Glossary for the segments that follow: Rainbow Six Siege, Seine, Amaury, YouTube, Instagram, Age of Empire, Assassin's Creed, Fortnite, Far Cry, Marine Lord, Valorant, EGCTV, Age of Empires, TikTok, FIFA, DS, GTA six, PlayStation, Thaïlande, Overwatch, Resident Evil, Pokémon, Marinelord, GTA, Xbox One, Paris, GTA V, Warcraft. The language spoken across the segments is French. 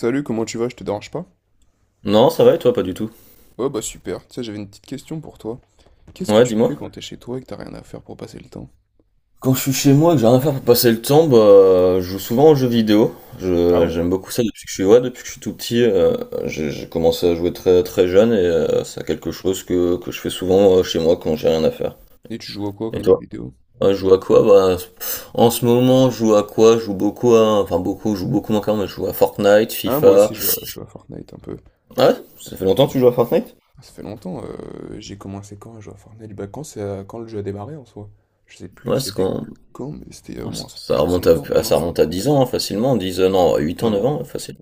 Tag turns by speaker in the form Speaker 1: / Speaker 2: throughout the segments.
Speaker 1: Salut, comment tu vas? Je te dérange pas?
Speaker 2: Non, ça va et toi, pas du tout.
Speaker 1: Ouais, bah super. Tu sais, j'avais une petite question pour toi. Qu'est-ce que
Speaker 2: Ouais,
Speaker 1: tu fais
Speaker 2: dis-moi.
Speaker 1: quand t'es chez toi et que t'as rien à faire pour passer le temps?
Speaker 2: Quand je suis chez moi et que j'ai rien à faire pour passer le temps, bah, je joue souvent aux jeux vidéo.
Speaker 1: Ah
Speaker 2: Je,
Speaker 1: ouais?
Speaker 2: j'aime beaucoup ça depuis que je suis, ouais, depuis que je suis tout petit. J'ai commencé à jouer très, très jeune et c'est quelque chose que je fais souvent chez moi quand j'ai rien à faire.
Speaker 1: Et tu joues à quoi
Speaker 2: Et
Speaker 1: comme jeu
Speaker 2: toi?
Speaker 1: vidéo?
Speaker 2: Ouais, je joue à quoi? Bah, en ce moment, je joue à quoi? Je joue beaucoup à, enfin beaucoup, je joue beaucoup moins quand même, mais je joue à Fortnite,
Speaker 1: Ah, moi
Speaker 2: FIFA.
Speaker 1: aussi, je joue à Fortnite un peu.
Speaker 2: Ouais, ça fait longtemps que
Speaker 1: Ouais.
Speaker 2: tu joues à Fortnite?
Speaker 1: Ça fait longtemps, j'ai commencé quand à jouer à Fortnite? Bah, quand, c'est, quand le jeu a démarré en soi? Je sais plus,
Speaker 2: Ouais, c'est
Speaker 1: c'était
Speaker 2: quand,
Speaker 1: quand, mais c'était il y a au
Speaker 2: ouais,
Speaker 1: moins
Speaker 2: ça
Speaker 1: plus de
Speaker 2: remonte
Speaker 1: 5 ans
Speaker 2: à,
Speaker 1: même, hein.
Speaker 2: ça remonte à 10 ans, hein, facilement, 10 non, 8 ans, 9
Speaker 1: Non.
Speaker 2: ans, facile.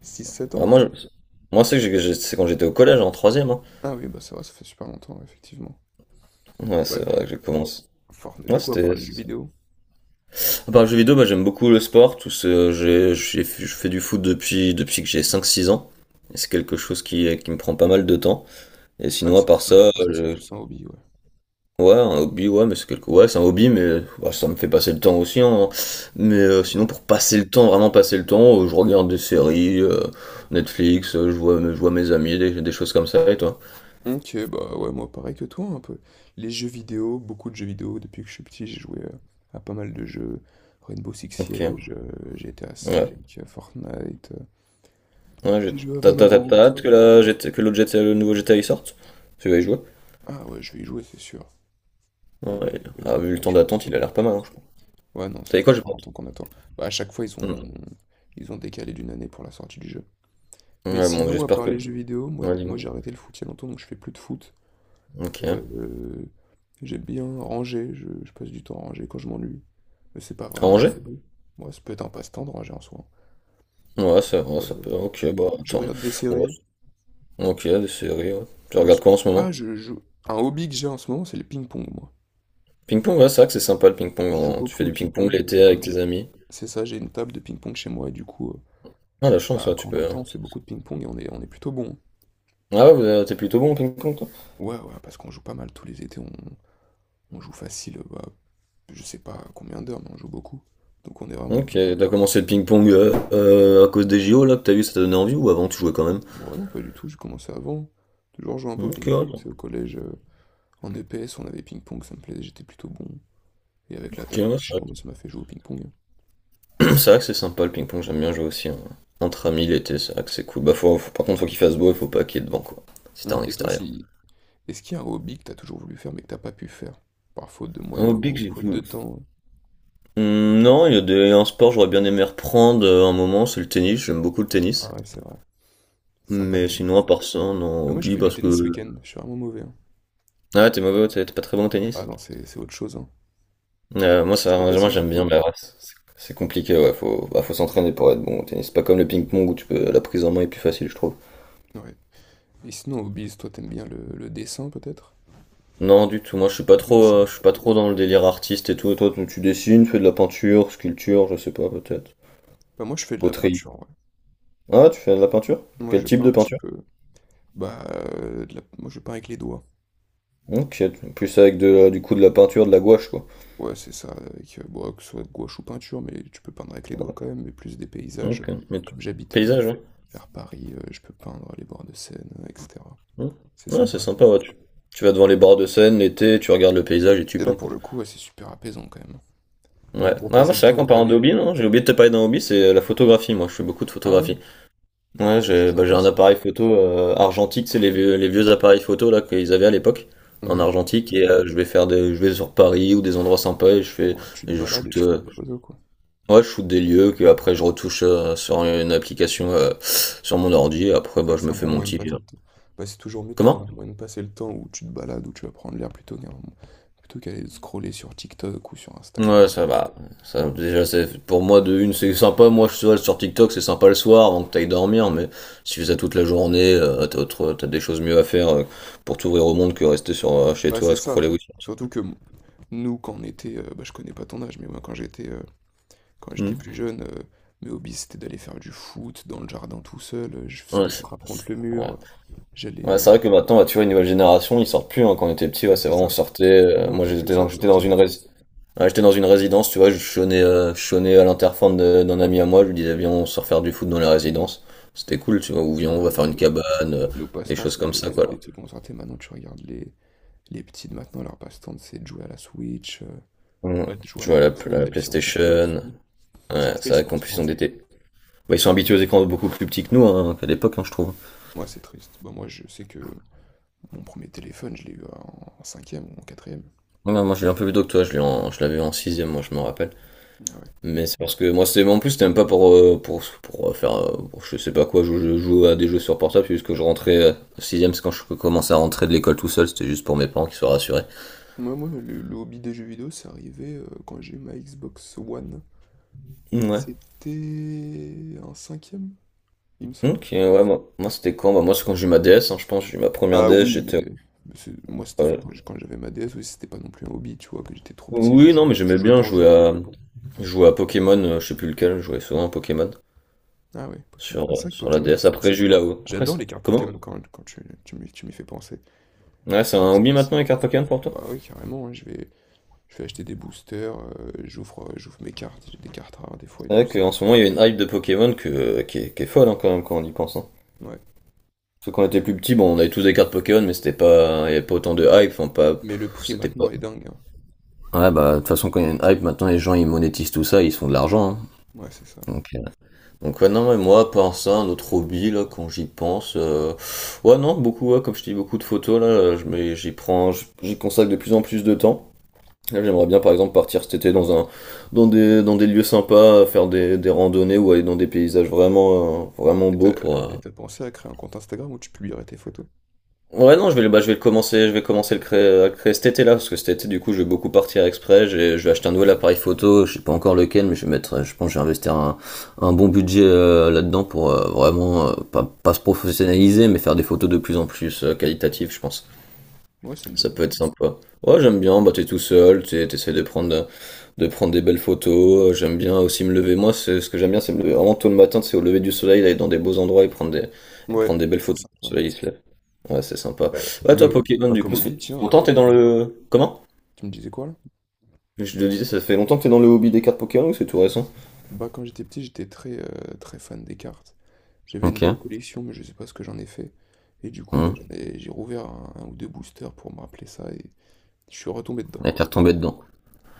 Speaker 1: 6 7 ans
Speaker 2: Ah, moi,
Speaker 1: peut-être?
Speaker 2: c'est quand j'étais au collège, en troisième, hein.
Speaker 1: Ah oui, bah c'est vrai, ça fait super longtemps, effectivement.
Speaker 2: Ouais,
Speaker 1: Ouais,
Speaker 2: c'est vrai que j'ai commencé.
Speaker 1: Fortnite,
Speaker 2: Ouais,
Speaker 1: du coup, à part les jeux
Speaker 2: c'était ça.
Speaker 1: vidéo.
Speaker 2: À part le jeu vidéo, bah, j'aime beaucoup le sport. Tout ce, j'ai- Je fais du foot depuis, depuis que j'ai 5-6 ans. Et c'est quelque chose qui me prend pas mal de temps. Et
Speaker 1: Ouais,
Speaker 2: sinon,
Speaker 1: c'est
Speaker 2: à
Speaker 1: vrai que
Speaker 2: part
Speaker 1: c'est
Speaker 2: ça,
Speaker 1: ah, ça, c'est plus un hobby, ouais.
Speaker 2: ouais, un hobby, ouais, mais ouais, c'est un hobby, mais bah, ça me fait passer le temps aussi, hein. Mais
Speaker 1: C'est vrai.
Speaker 2: sinon, pour passer le temps, vraiment passer le temps, je regarde des séries, Netflix, je vois mes amis, des choses comme ça, et toi?
Speaker 1: Ok, bah ouais, moi pareil que toi un peu. Les jeux vidéo, beaucoup de jeux vidéo. Depuis que je suis petit, j'ai joué à pas mal de jeux. Rainbow Six
Speaker 2: Ok.
Speaker 1: Siege, GTA V,
Speaker 2: Ouais.
Speaker 1: Fortnite.
Speaker 2: Ouais,
Speaker 1: J'ai joué à Valorant.
Speaker 2: t'as hâte que la GT que l'autre GTA, le nouveau GTA il sorte? Tu vas y jouer?
Speaker 1: Ah ouais, je vais y jouer, c'est sûr. Il
Speaker 2: Ouais.
Speaker 1: est, il est
Speaker 2: Ah, vu
Speaker 1: sympa,
Speaker 2: le temps
Speaker 1: je pense,
Speaker 2: d'attente,
Speaker 1: ce
Speaker 2: il a
Speaker 1: jeu.
Speaker 2: l'air pas mal, hein, je crois.
Speaker 1: Ouais, non, ça
Speaker 2: T'as dit
Speaker 1: fait
Speaker 2: quoi, j'ai
Speaker 1: super
Speaker 2: pas
Speaker 1: longtemps qu'on attend. Bah, à chaque fois, ils
Speaker 2: entendu.
Speaker 1: ont, ils ont décalé d'une année pour la sortie du jeu.
Speaker 2: Hmm.
Speaker 1: Mais
Speaker 2: Ouais, bon,
Speaker 1: sinon, à
Speaker 2: j'espère
Speaker 1: part
Speaker 2: que.
Speaker 1: les jeux vidéo, moi,
Speaker 2: Ouais,
Speaker 1: moi
Speaker 2: dis-moi.
Speaker 1: j'ai arrêté le foot il y a longtemps, donc je fais plus de foot.
Speaker 2: Ok. À
Speaker 1: Euh, euh, J'aime bien ranger, je passe du temps à ranger quand je m'ennuie. Mais c'est pas vraiment un
Speaker 2: Angers?
Speaker 1: hobby. Moi, ça peut être un passe-temps de ranger en soi.
Speaker 2: Ouais, ça
Speaker 1: Voilà.
Speaker 2: peut. Ok, bah,
Speaker 1: Je
Speaker 2: attends.
Speaker 1: regarde des
Speaker 2: Ouais,
Speaker 1: séries.
Speaker 2: ok, des séries, ouais. Tu
Speaker 1: je-
Speaker 2: regardes quoi en ce moment?
Speaker 1: Ah, je joue. Un hobby que j'ai en ce moment, c'est le ping-pong, moi.
Speaker 2: Ping-pong, ouais, c'est vrai que c'est sympa le ping-pong,
Speaker 1: Je joue
Speaker 2: hein. Tu fais
Speaker 1: beaucoup au
Speaker 2: du ping-pong
Speaker 1: ping-pong.
Speaker 2: l'été avec
Speaker 1: Comme
Speaker 2: tes
Speaker 1: j'ai.
Speaker 2: amis.
Speaker 1: C'est ça, j'ai une table de ping-pong chez moi et du coup,
Speaker 2: Ah, la chance,
Speaker 1: bah,
Speaker 2: ouais, tu
Speaker 1: quand on a
Speaker 2: peux,
Speaker 1: le temps,
Speaker 2: hein.
Speaker 1: on fait beaucoup de ping-pong et on est plutôt bon.
Speaker 2: Ah ouais, vous, t'es plutôt bon au ping-pong, toi?
Speaker 1: Ouais, ouais, parce qu'on joue pas mal tous les étés, on joue facile, bah, je sais pas combien d'heures, mais on joue beaucoup. Donc on est vraiment bon.
Speaker 2: Ok, t'as commencé le ping-pong à cause des JO, là, que t'as vu, ça t'a donné envie, ou avant tu jouais quand même?
Speaker 1: Bon, non, pas du tout, j'ai commencé avant. Toujours jouer un peu au
Speaker 2: Ok, ouais.
Speaker 1: ping-pong, c'est au collège, en EPS, on avait ping-pong, ça me plaisait, j'étais plutôt bon. Et avec la
Speaker 2: Ok,
Speaker 1: table que
Speaker 2: ouais, ça
Speaker 1: j'ai, moi, ça m'a fait jouer au ping-pong.
Speaker 2: c'est vrai que c'est sympa le ping-pong, j'aime bien jouer aussi, hein. Entre amis l'été, c'est vrai que c'est cool. Bah, par contre, faut qu'il fasse beau, il faut pas qu'il y ait de vent, quoi. C'était en
Speaker 1: Et toi,
Speaker 2: extérieur.
Speaker 1: si... est-ce qu'il y a un hobby que t'as toujours voulu faire mais que t'as pas pu faire? Par faute de
Speaker 2: Un
Speaker 1: moyens
Speaker 2: hobby que
Speaker 1: ou
Speaker 2: j'ai
Speaker 1: faute de
Speaker 2: voulu.
Speaker 1: temps? Hein.
Speaker 2: Hmm, non, il y a des... un sport, j'aurais bien aimé reprendre un moment, c'est le tennis, j'aime beaucoup le
Speaker 1: Ah
Speaker 2: tennis.
Speaker 1: ouais, c'est vrai. C'est sympa le
Speaker 2: Mais
Speaker 1: tennis.
Speaker 2: sinon, à part ça, non,
Speaker 1: Mais moi, j'ai
Speaker 2: hobby,
Speaker 1: fait du
Speaker 2: parce
Speaker 1: tennis ce
Speaker 2: que.
Speaker 1: week-end, je suis vraiment mauvais. Hein.
Speaker 2: Ah, ouais, t'es mauvais, t'es pas très bon au
Speaker 1: Ah
Speaker 2: tennis?
Speaker 1: non, c'est autre chose, hein.
Speaker 2: Moi,
Speaker 1: C'est
Speaker 2: ça,
Speaker 1: pas
Speaker 2: moi,
Speaker 1: facile du
Speaker 2: j'aime bien,
Speaker 1: tout.
Speaker 2: mais ouais, c'est compliqué, ouais, bah, faut s'entraîner pour être bon au tennis. C'est pas comme le ping-pong où tu peux, la prise en main est plus facile, je trouve.
Speaker 1: Hein. Ouais. Et sinon, hobbies, toi, t'aimes bien le dessin, peut-être?
Speaker 2: Non, du tout. Moi,
Speaker 1: On peut dessiner
Speaker 2: je suis pas trop dans le délire artiste et tout. Toi, tu dessines, tu fais de la peinture, sculpture, je sais pas, peut-être.
Speaker 1: Bah, moi, je fais de la
Speaker 2: Poterie.
Speaker 1: peinture, ouais.
Speaker 2: Ah, tu fais de la peinture?
Speaker 1: Moi,
Speaker 2: Quel
Speaker 1: je
Speaker 2: type
Speaker 1: peins
Speaker 2: de
Speaker 1: un petit
Speaker 2: peinture?
Speaker 1: peu. Bah, moi je peins avec les doigts.
Speaker 2: Ok, plus avec du coup de la peinture, de la gouache, quoi.
Speaker 1: Ouais, c'est ça, avec, bon, que ce soit gouache ou peinture, mais tu peux peindre avec les doigts quand même, mais plus des paysages.
Speaker 2: Ok,
Speaker 1: Comme j'habite
Speaker 2: paysage, ouais.
Speaker 1: vers Paris, je peux peindre les bords de Seine, etc.
Speaker 2: Hmm.
Speaker 1: C'est
Speaker 2: Ouais, c'est
Speaker 1: sympa à
Speaker 2: sympa,
Speaker 1: faire.
Speaker 2: ouais. Tu vas devant les bords de Seine l'été, tu regardes le paysage et tu
Speaker 1: Et
Speaker 2: peins,
Speaker 1: là, pour
Speaker 2: quoi.
Speaker 1: le coup, ouais, c'est super apaisant quand même.
Speaker 2: Ouais.
Speaker 1: Donc pour
Speaker 2: Ah, moi,
Speaker 1: passer le
Speaker 2: c'est vrai
Speaker 1: temps, il
Speaker 2: qu'en
Speaker 1: n'y a pas
Speaker 2: parlant de
Speaker 1: mieux.
Speaker 2: hobby, non, j'ai oublié de te parler d'un hobby, c'est la photographie. Moi, je fais beaucoup de
Speaker 1: Ah ouais?
Speaker 2: photographie. Ouais,
Speaker 1: Ah, c'est
Speaker 2: j'ai bah, j'ai
Speaker 1: sympa
Speaker 2: un
Speaker 1: ça.
Speaker 2: appareil photo argentique, c'est les vieux appareils photo là qu'ils avaient à l'époque en
Speaker 1: Ouais.
Speaker 2: argentique et je vais sur Paris ou des endroits sympas et je fais
Speaker 1: Ouais, tu te
Speaker 2: et je
Speaker 1: balades et
Speaker 2: shoot
Speaker 1: tu prends des photos, quoi.
Speaker 2: ouais, je shoot des lieux que après je retouche sur une application sur mon ordi et après
Speaker 1: C'est
Speaker 2: bah
Speaker 1: vrai que
Speaker 2: je
Speaker 1: c'est
Speaker 2: me
Speaker 1: un
Speaker 2: fais
Speaker 1: bon
Speaker 2: mon
Speaker 1: moyen de
Speaker 2: petit
Speaker 1: passer le temps. Bah, c'est toujours mieux de trouver
Speaker 2: Comment?
Speaker 1: un moyen de passer le temps où tu te balades, où tu vas prendre l'air plutôt qu'aller scroller sur TikTok ou sur Instagram.
Speaker 2: Ouais, ça va. Ça, déjà, c'est, pour moi, de une, c'est sympa. Moi, je suis sur TikTok, c'est sympa le soir avant que t'ailles dormir, mais si tu fais ça toute la journée, t'as des choses mieux à faire pour t'ouvrir au monde que rester chez
Speaker 1: Ouais,
Speaker 2: toi à
Speaker 1: c'est ça.
Speaker 2: scroller. Oui.
Speaker 1: Surtout que nous, quand on était, bah, je connais pas ton âge, mais moi, quand j'étais plus jeune, mes hobbies, c'était d'aller faire du foot dans le jardin tout seul. Je faisais
Speaker 2: Ouais,
Speaker 1: des frappes contre le
Speaker 2: ouais.
Speaker 1: mur. J'allais.
Speaker 2: Ouais, c'est vrai que maintenant, bah, tu vois, une nouvelle génération, ils sortent plus, hein. Quand on était petit, ouais,
Speaker 1: Ouais,
Speaker 2: c'est
Speaker 1: c'est
Speaker 2: vraiment on
Speaker 1: ça.
Speaker 2: sortait.
Speaker 1: Nous, on
Speaker 2: Moi,
Speaker 1: faisait que ça de
Speaker 2: j'étais dans
Speaker 1: sortir.
Speaker 2: j'étais dans une résidence, tu vois, je chonnais à l'interphone d'un ami à moi. Je lui disais, viens, on sort faire du foot dans la résidence. C'était cool, tu vois. Ou viens,
Speaker 1: Voilà,
Speaker 2: on va
Speaker 1: nos,
Speaker 2: faire une
Speaker 1: nos-
Speaker 2: cabane, euh,
Speaker 1: nos
Speaker 2: des
Speaker 1: passe-temps,
Speaker 2: choses comme
Speaker 1: c'était
Speaker 2: ça, quoi, là.
Speaker 1: c'était de se concentrer. Maintenant, tu regardes les petits de maintenant, leur passe-temps, c'est de jouer à la Switch,
Speaker 2: Mm.
Speaker 1: ouais, de jouer
Speaker 2: Je
Speaker 1: à la
Speaker 2: vois la,
Speaker 1: console,
Speaker 2: la
Speaker 1: d'aller sur TikTok et
Speaker 2: PlayStation.
Speaker 1: tout. C'est
Speaker 2: Ouais, c'est vrai
Speaker 1: triste en
Speaker 2: qu'en plus,
Speaker 1: soi.
Speaker 2: ils
Speaker 1: Hein.
Speaker 2: ont bah, ils sont habitués aux écrans beaucoup plus petits que nous, hein, qu'à l'époque, hein, je trouve.
Speaker 1: Moi, c'est triste. Bah, moi, je sais que mon premier téléphone, je l'ai eu en cinquième ou en quatrième.
Speaker 2: Ouais, moi, je l'ai un peu plus tôt que toi. Je l'avais en sixième, moi, je me rappelle.
Speaker 1: Ah ouais.
Speaker 2: Mais c'est parce que moi, c'était en plus, c'était même pas pour, pour faire. Pour je sais pas quoi, je jouais à des jeux sur portable, c'est juste que je rentrais au 6 c'est quand je commençais à rentrer de l'école tout seul, c'était juste pour mes parents qui soient rassurés.
Speaker 1: Moi, moi, le hobby des jeux vidéo, c'est arrivé quand j'ai eu ma Xbox One.
Speaker 2: Ouais.
Speaker 1: C'était un cinquième, il me semble.
Speaker 2: Ok, ouais, moi c'était quand? Bah, moi, c'est quand j'ai eu ma DS, hein, je pense, j'ai eu ma première
Speaker 1: Ah
Speaker 2: DS,
Speaker 1: oui,
Speaker 2: j'étais.
Speaker 1: mais, moi, c'était
Speaker 2: euh,
Speaker 1: quand j'avais ma DS, oui, c'était pas non plus un hobby, tu vois, que j'étais trop petit, je
Speaker 2: Oui, non,
Speaker 1: jouais,
Speaker 2: mais
Speaker 1: je
Speaker 2: j'aimais
Speaker 1: jouais
Speaker 2: bien
Speaker 1: pour jouer.
Speaker 2: jouer à Pokémon, je sais plus lequel, je jouais souvent à Pokémon
Speaker 1: Ah ouais, Pokémon. Ah, c'est vrai que
Speaker 2: sur la
Speaker 1: Pokémon,
Speaker 2: DS.
Speaker 1: c'est...
Speaker 2: Après, j'ai
Speaker 1: c'est-
Speaker 2: eu là-haut. Après,
Speaker 1: J'adore les cartes
Speaker 2: comment?
Speaker 1: Pokémon quand tu m'y fais penser.
Speaker 2: Ouais, c'est
Speaker 1: Donc,
Speaker 2: un
Speaker 1: c'est-
Speaker 2: hobby
Speaker 1: c'est-
Speaker 2: maintenant les cartes Pokémon pour toi?
Speaker 1: Bah oui, carrément, hein, je vais acheter des boosters, j'ouvre mes cartes, j'ai des cartes rares des fois et
Speaker 2: C'est
Speaker 1: tout.
Speaker 2: vrai qu'en ce moment, il y a une hype de Pokémon qui est folle, hein, quand même quand on y pense, hein.
Speaker 1: Ouais.
Speaker 2: Parce que quand on était plus petit, bon, on avait tous des cartes Pokémon, mais c'était pas, il y avait pas autant de hype, enfin, pas,
Speaker 1: Mais le
Speaker 2: pff,
Speaker 1: prix
Speaker 2: c'était pas.
Speaker 1: maintenant est dingue, hein.
Speaker 2: Ouais, bah, de toute façon, quand il y a une hype, maintenant, les gens, ils monétisent tout ça, ils se font de l'argent, hein.
Speaker 1: Ouais, c'est ça.
Speaker 2: Donc, euh, donc, ouais, non, mais moi, par ça, un autre hobby, là, quand j'y pense, ouais, non, beaucoup, ouais, comme je dis, beaucoup de photos, là, j'y prends, j'y consacre de plus en plus de temps. Là, j'aimerais bien, par exemple, partir cet été dans des lieux sympas, des randonnées ou aller dans des paysages vraiment
Speaker 1: Et
Speaker 2: beaux
Speaker 1: t'as
Speaker 2: pour,
Speaker 1: et t'as pensé à créer un compte Instagram où tu publierais tes photos?
Speaker 2: Ouais, non, je vais, bah, je vais commencer le créer, à le créer cet été-là, parce que cet été, du coup, je vais beaucoup partir exprès, je vais acheter un nouvel appareil photo, je sais pas encore lequel, mais je vais mettre, je pense, que je vais investir un bon budget là-dedans pour vraiment, pas se professionnaliser, mais faire des photos de plus en plus qualitatives, je pense.
Speaker 1: Ouais, c'est une
Speaker 2: Ça
Speaker 1: bonne
Speaker 2: peut
Speaker 1: idée.
Speaker 2: être sympa. Ouais, j'aime bien, bah, t'es tout seul, t'essaies de prendre, de prendre des belles photos. J'aime bien aussi me lever. Moi, ce que j'aime bien, c'est me lever vraiment tôt le matin, c'est au lever du soleil, aller dans des beaux endroits et
Speaker 1: Hein.
Speaker 2: et
Speaker 1: Ouais,
Speaker 2: prendre des belles
Speaker 1: c'est
Speaker 2: photos. Quand le
Speaker 1: sympa.
Speaker 2: soleil, il se lève. Ouais, c'est sympa.
Speaker 1: Ouais,
Speaker 2: Ouais, toi, Pokémon,
Speaker 1: bah,
Speaker 2: du
Speaker 1: comme
Speaker 2: coup, ça fait
Speaker 1: hobby,
Speaker 2: ça
Speaker 1: tiens,
Speaker 2: fait longtemps que t'es dans
Speaker 1: oui,
Speaker 2: le... Comment?
Speaker 1: tu me disais quoi là?
Speaker 2: Je te disais, ça fait longtemps que t'es dans le hobby des cartes Pokémon ou c'est tout récent?
Speaker 1: Bah, quand j'étais petit, j'étais très, très fan des cartes. J'avais une
Speaker 2: Ok.
Speaker 1: belle collection, mais je sais pas ce que j'en ai fait. Et du coup, bah,
Speaker 2: Mmh.
Speaker 1: j'ai rouvert un ou deux boosters pour me rappeler ça et je suis retombé dedans,
Speaker 2: Et
Speaker 1: quoi.
Speaker 2: t'es retombé dedans.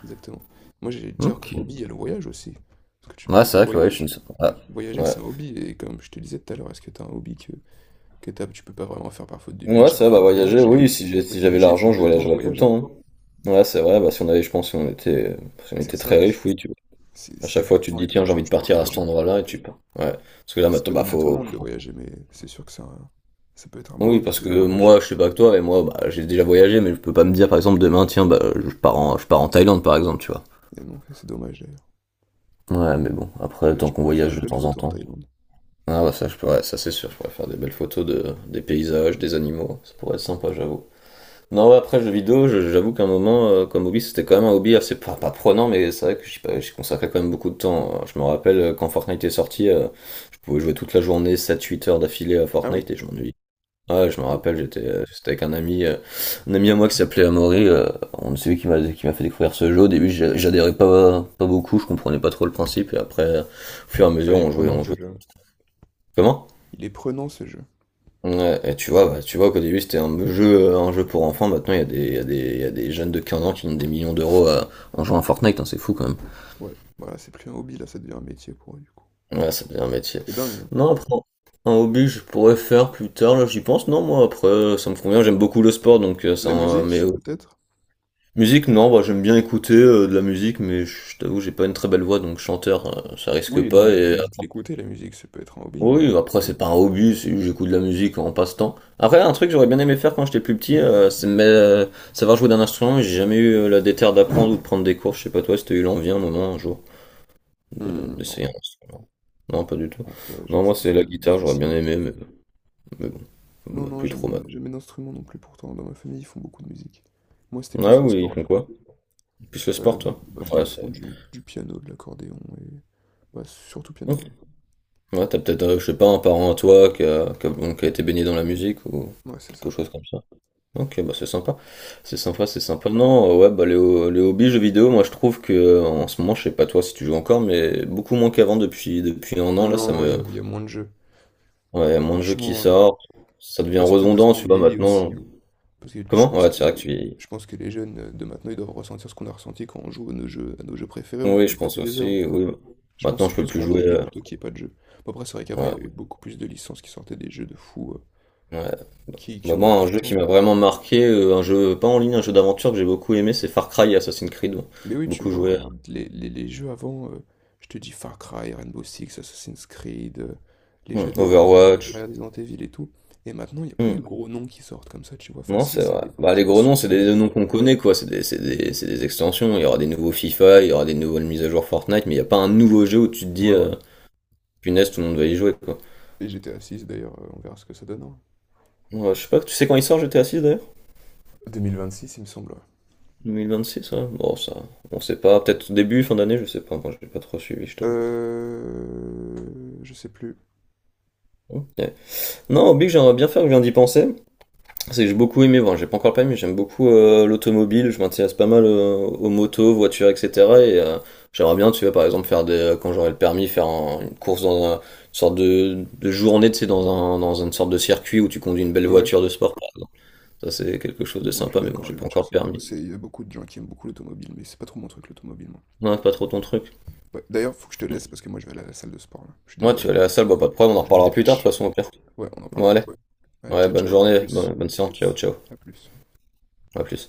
Speaker 1: Exactement. Moi, j'allais te dire,
Speaker 2: Ok.
Speaker 1: comme hobby, il y a le voyage aussi. Parce que tu
Speaker 2: Ouais,
Speaker 1: parles
Speaker 2: c'est
Speaker 1: de
Speaker 2: vrai que ouais, je ne
Speaker 1: voyage.
Speaker 2: sais pas.
Speaker 1: Voyager,
Speaker 2: Ouais.
Speaker 1: c'est un hobby. Et comme je te disais tout à l'heure, est-ce que t'as un hobby tu peux pas vraiment faire par faute de
Speaker 2: Ouais,
Speaker 1: budget. Bah,
Speaker 2: ça, bah
Speaker 1: le
Speaker 2: voyager,
Speaker 1: voyage
Speaker 2: oui,
Speaker 1: est faute
Speaker 2: si
Speaker 1: de
Speaker 2: j'avais
Speaker 1: budget,
Speaker 2: l'argent,
Speaker 1: faute
Speaker 2: je
Speaker 1: de temps, le
Speaker 2: voyagerais tout le
Speaker 1: voyage. Hein.
Speaker 2: temps. Hein. Ouais, c'est vrai, bah si on avait, je pense, si on était, si on
Speaker 1: C'est
Speaker 2: était très
Speaker 1: ça.
Speaker 2: riche, oui.
Speaker 1: Si,
Speaker 2: À
Speaker 1: si t'as
Speaker 2: chaque
Speaker 1: du
Speaker 2: fois, tu te
Speaker 1: temps et
Speaker 2: dis,
Speaker 1: de
Speaker 2: tiens, j'ai
Speaker 1: l'argent,
Speaker 2: envie de
Speaker 1: tu peux
Speaker 2: partir à cet
Speaker 1: voyager.
Speaker 2: endroit-là, et tu pars. Ouais. Parce que là,
Speaker 1: C'est
Speaker 2: maintenant,
Speaker 1: pas
Speaker 2: bah,
Speaker 1: donné à tout le
Speaker 2: faut...
Speaker 1: monde de
Speaker 2: faut-
Speaker 1: voyager, mais c'est sûr que c'est ça peut être un beau
Speaker 2: Oui,
Speaker 1: hobby,
Speaker 2: parce
Speaker 1: c'est le
Speaker 2: que
Speaker 1: voyage.
Speaker 2: moi, je sais pas que toi, et moi, bah, j'ai déjà voyagé, mais je peux pas me dire, par exemple, demain, tiens, bah, je pars en Thaïlande, par exemple, tu vois.
Speaker 1: Et non, c'est dommage d'ailleurs.
Speaker 2: Ouais, mais bon,
Speaker 1: Parce
Speaker 2: après,
Speaker 1: que là,
Speaker 2: tant
Speaker 1: tu
Speaker 2: qu'on
Speaker 1: pourrais faire de
Speaker 2: voyage de
Speaker 1: belles
Speaker 2: temps en
Speaker 1: photos en
Speaker 2: temps.
Speaker 1: Thaïlande.
Speaker 2: Ah, bah, ça, je pourrais, ça, c'est sûr, je pourrais faire des belles photos des paysages, des animaux. Ça pourrait être sympa, j'avoue. Non, ouais, après jeux vidéo, j'avoue qu'à un moment, comme hobby, c'était quand même un hobby assez pas prenant, mais c'est vrai que j'y pas- j'y consacrais quand même beaucoup de temps. Je me rappelle quand Fortnite est sorti, je pouvais jouer toute la journée, sept-huit heures d'affilée à
Speaker 1: Ah oui.
Speaker 2: Fortnite et je m'ennuyais. Ouais, je me rappelle,
Speaker 1: Beaucoup.
Speaker 2: j'étais avec un ami à moi qui s'appelait Amaury, on c'est lui qui m'a fait découvrir ce jeu. Au début, j'adhérais pas beaucoup, je comprenais pas trop le principe, et après, au fur et à mesure,
Speaker 1: Ouais, il est prenant
Speaker 2: on
Speaker 1: ce
Speaker 2: jouait.
Speaker 1: jeu.
Speaker 2: Comment?
Speaker 1: Il est prenant ce jeu.
Speaker 2: Ouais, et tu vois, bah, tu vois qu'au début c'était un jeu pour enfants, maintenant il y a des jeunes de 15 ans qui ont des millions d'euros en jouant à Fortnite, hein, c'est fou quand même.
Speaker 1: Ouais. Voilà, c'est plus un hobby, là, ça devient un métier pour eux, du coup.
Speaker 2: Ouais, ça devient un métier.
Speaker 1: C'est dingue. Hein.
Speaker 2: Non, après, un hobby je pourrais faire plus tard, là j'y pense. Non, moi après ça me convient, j'aime beaucoup le sport donc ça,
Speaker 1: La
Speaker 2: mais
Speaker 1: musique, peut-être?
Speaker 2: musique, non, bah, j'aime bien écouter de la musique, mais je t'avoue, j'ai pas une très belle voix donc chanteur, ça risque
Speaker 1: Oui, non,
Speaker 2: pas.
Speaker 1: mais la
Speaker 2: Et
Speaker 1: musique, l'écouter, la musique, ça peut être un hobby. Hein.
Speaker 2: oui, après
Speaker 1: C'est-
Speaker 2: c'est pas un hobby, c'est- j'écoute de la musique en passe-temps. Après, un truc que j'aurais bien aimé faire quand j'étais plus petit, savoir jouer d'un instrument, mais j'ai jamais eu la déterre d'apprendre ou de prendre des cours. Je sais pas toi si t'as eu l'envie un moment, un jour, de-
Speaker 1: Hmm,
Speaker 2: d'essayer un instrument. Non, pas du tout.
Speaker 1: En fait, j'ai
Speaker 2: Non,
Speaker 1: une
Speaker 2: moi c'est
Speaker 1: famille
Speaker 2: la guitare, j'aurais bien
Speaker 1: musicienne.
Speaker 2: aimé, mais bon,
Speaker 1: Non,
Speaker 2: bah,
Speaker 1: non,
Speaker 2: plus
Speaker 1: jamais,
Speaker 2: trop mal.
Speaker 1: jamais d'instrument non plus. Pourtant, dans ma famille, ils font beaucoup de musique. Moi, c'était plus
Speaker 2: Ah
Speaker 1: le
Speaker 2: oui, ils
Speaker 1: sport, du
Speaker 2: font
Speaker 1: coup.
Speaker 2: quoi? Plus le
Speaker 1: Euh,
Speaker 2: sport,
Speaker 1: dans,
Speaker 2: toi?
Speaker 1: dans ma
Speaker 2: Ouais,
Speaker 1: famille, ils font
Speaker 2: c'est...
Speaker 1: du piano, de l'accordéon et. Bah, surtout
Speaker 2: Ok.
Speaker 1: piano.
Speaker 2: Ouais, t'as peut-être, je sais pas, un parent à toi qui a, bon, qui a été baigné dans la musique ou
Speaker 1: Ouais, c'est
Speaker 2: quelque
Speaker 1: ça.
Speaker 2: chose comme ça. Ok, bah c'est sympa. C'est sympa, c'est sympa. Non, ouais, bah les hobbies jeux vidéo, moi je trouve que en ce moment, je sais pas toi si tu joues encore, mais beaucoup moins qu'avant depuis 1 an là, ça
Speaker 1: Non, il y,
Speaker 2: me
Speaker 1: a il y a moins de jeux.
Speaker 2: ouais, y a moins de jeux qui
Speaker 1: Franchement,
Speaker 2: sortent, ça devient
Speaker 1: bah, c'est peut-être parce
Speaker 2: redondant,
Speaker 1: qu'on
Speaker 2: tu vois
Speaker 1: vieillit aussi.
Speaker 2: maintenant.
Speaker 1: Hein. Parce que je
Speaker 2: Comment?
Speaker 1: pense
Speaker 2: Ouais,
Speaker 1: que,
Speaker 2: c'est vrai que tu vieillis.
Speaker 1: je pense que les jeunes de maintenant, ils doivent ressentir ce qu'on a ressenti quand on joue à nos jeux, préférés. On
Speaker 2: Oui,
Speaker 1: peut
Speaker 2: je
Speaker 1: y
Speaker 2: pense
Speaker 1: passer des heures.
Speaker 2: aussi. Oui.
Speaker 1: Je pense que
Speaker 2: Maintenant,
Speaker 1: c'est
Speaker 2: je peux
Speaker 1: plus
Speaker 2: plus
Speaker 1: qu'on
Speaker 2: jouer.
Speaker 1: vieillit
Speaker 2: Euh,
Speaker 1: plutôt qu'il n'y ait pas de jeu. Bon, après, c'est vrai qu'avant, il y avait
Speaker 2: ouais,
Speaker 1: beaucoup plus de licences qui sortaient des jeux de fous. euh,
Speaker 2: ouais.
Speaker 1: qui, qui
Speaker 2: Bah
Speaker 1: ont
Speaker 2: moi,
Speaker 1: marqué
Speaker 2: un
Speaker 1: le
Speaker 2: jeu qui
Speaker 1: temps.
Speaker 2: m'a vraiment marqué, un jeu pas en ligne, un jeu d'aventure que j'ai beaucoup aimé, c'est Far Cry et Assassin's Creed.
Speaker 1: Mais oui, tu
Speaker 2: Beaucoup
Speaker 1: vois,
Speaker 2: joué.
Speaker 1: regarde, les jeux avant, je te dis Far Cry, Rainbow Six, Assassin's Creed, les
Speaker 2: Hmm,
Speaker 1: jeux d'or,
Speaker 2: Overwatch.
Speaker 1: Resident Evil et tout. Et maintenant, il n'y a plus de
Speaker 2: Hmm.
Speaker 1: gros noms qui sortent comme ça, tu vois. Enfin,
Speaker 2: Non,
Speaker 1: si,
Speaker 2: c'est
Speaker 1: c'est
Speaker 2: vrai.
Speaker 1: des,
Speaker 2: Bah, les
Speaker 1: c'est des
Speaker 2: gros noms, c'est
Speaker 1: suites, mais.
Speaker 2: des noms qu'on connaît, quoi. C'est des extensions. Il y aura des nouveaux FIFA, il y aura des nouvelles mises à jour Fortnite, mais il n'y a pas un nouveau jeu où tu te dis,
Speaker 1: Ouais, voilà.
Speaker 2: punaise, tout le monde va y jouer, quoi.
Speaker 1: Et GTA 6 d'ailleurs, on verra ce que ça donne. Hein.
Speaker 2: Ouais, je sais pas, tu sais quand il sort GTA 6 d'ailleurs? Six d'ailleurs?
Speaker 1: 2026, il me semble, ouais.
Speaker 2: 2026, ouais. Bon, ça, on sait pas. Peut-être début, fin d'année, je sais pas. Moi, j'ai pas trop suivi, je t'avoue.
Speaker 1: Je sais plus.
Speaker 2: Ok. Non, Oblique, j'aimerais bien faire, je viens d'y penser. C'est que j'ai beaucoup aimé, bon, j'ai pas encore le permis, mais j'aime beaucoup l'automobile, je m'intéresse pas mal aux motos, voitures, etc. Et j'aimerais bien, tu vois, par exemple, quand j'aurai le permis, faire une course dans une sorte de journée, tu sais, dans, un, dans une sorte de circuit où tu conduis une belle
Speaker 1: Ouais.
Speaker 2: voiture de sport, par exemple. Ça, c'est quelque chose de
Speaker 1: Ouais, je suis
Speaker 2: sympa, mais bon,
Speaker 1: d'accord,
Speaker 2: j'ai
Speaker 1: les
Speaker 2: pas
Speaker 1: voitures,
Speaker 2: encore
Speaker 1: c'est
Speaker 2: le
Speaker 1: pas...
Speaker 2: permis.
Speaker 1: c'est- il y a beaucoup de gens qui aiment beaucoup l'automobile, mais c'est pas trop mon truc, l'automobile, moi.
Speaker 2: Non, c'est pas trop ton truc.
Speaker 1: Ouais. D'ailleurs, faut que je te laisse, parce que moi, je vais aller à la salle de sport, là. Je suis
Speaker 2: Moi, tu
Speaker 1: désolé.
Speaker 2: vas aller à la salle, bah, pas de problème, on
Speaker 1: Faut
Speaker 2: en
Speaker 1: que je me
Speaker 2: reparlera plus tard, de
Speaker 1: dépêche.
Speaker 2: toute façon, au pire.
Speaker 1: Ouais, on n'en parle
Speaker 2: Bon,
Speaker 1: plus.
Speaker 2: allez.
Speaker 1: Allez,
Speaker 2: Ouais,
Speaker 1: ciao,
Speaker 2: bonne
Speaker 1: ciao, à
Speaker 2: journée,
Speaker 1: plus.
Speaker 2: bonne séance, ciao, ciao.
Speaker 1: À plus.
Speaker 2: À plus.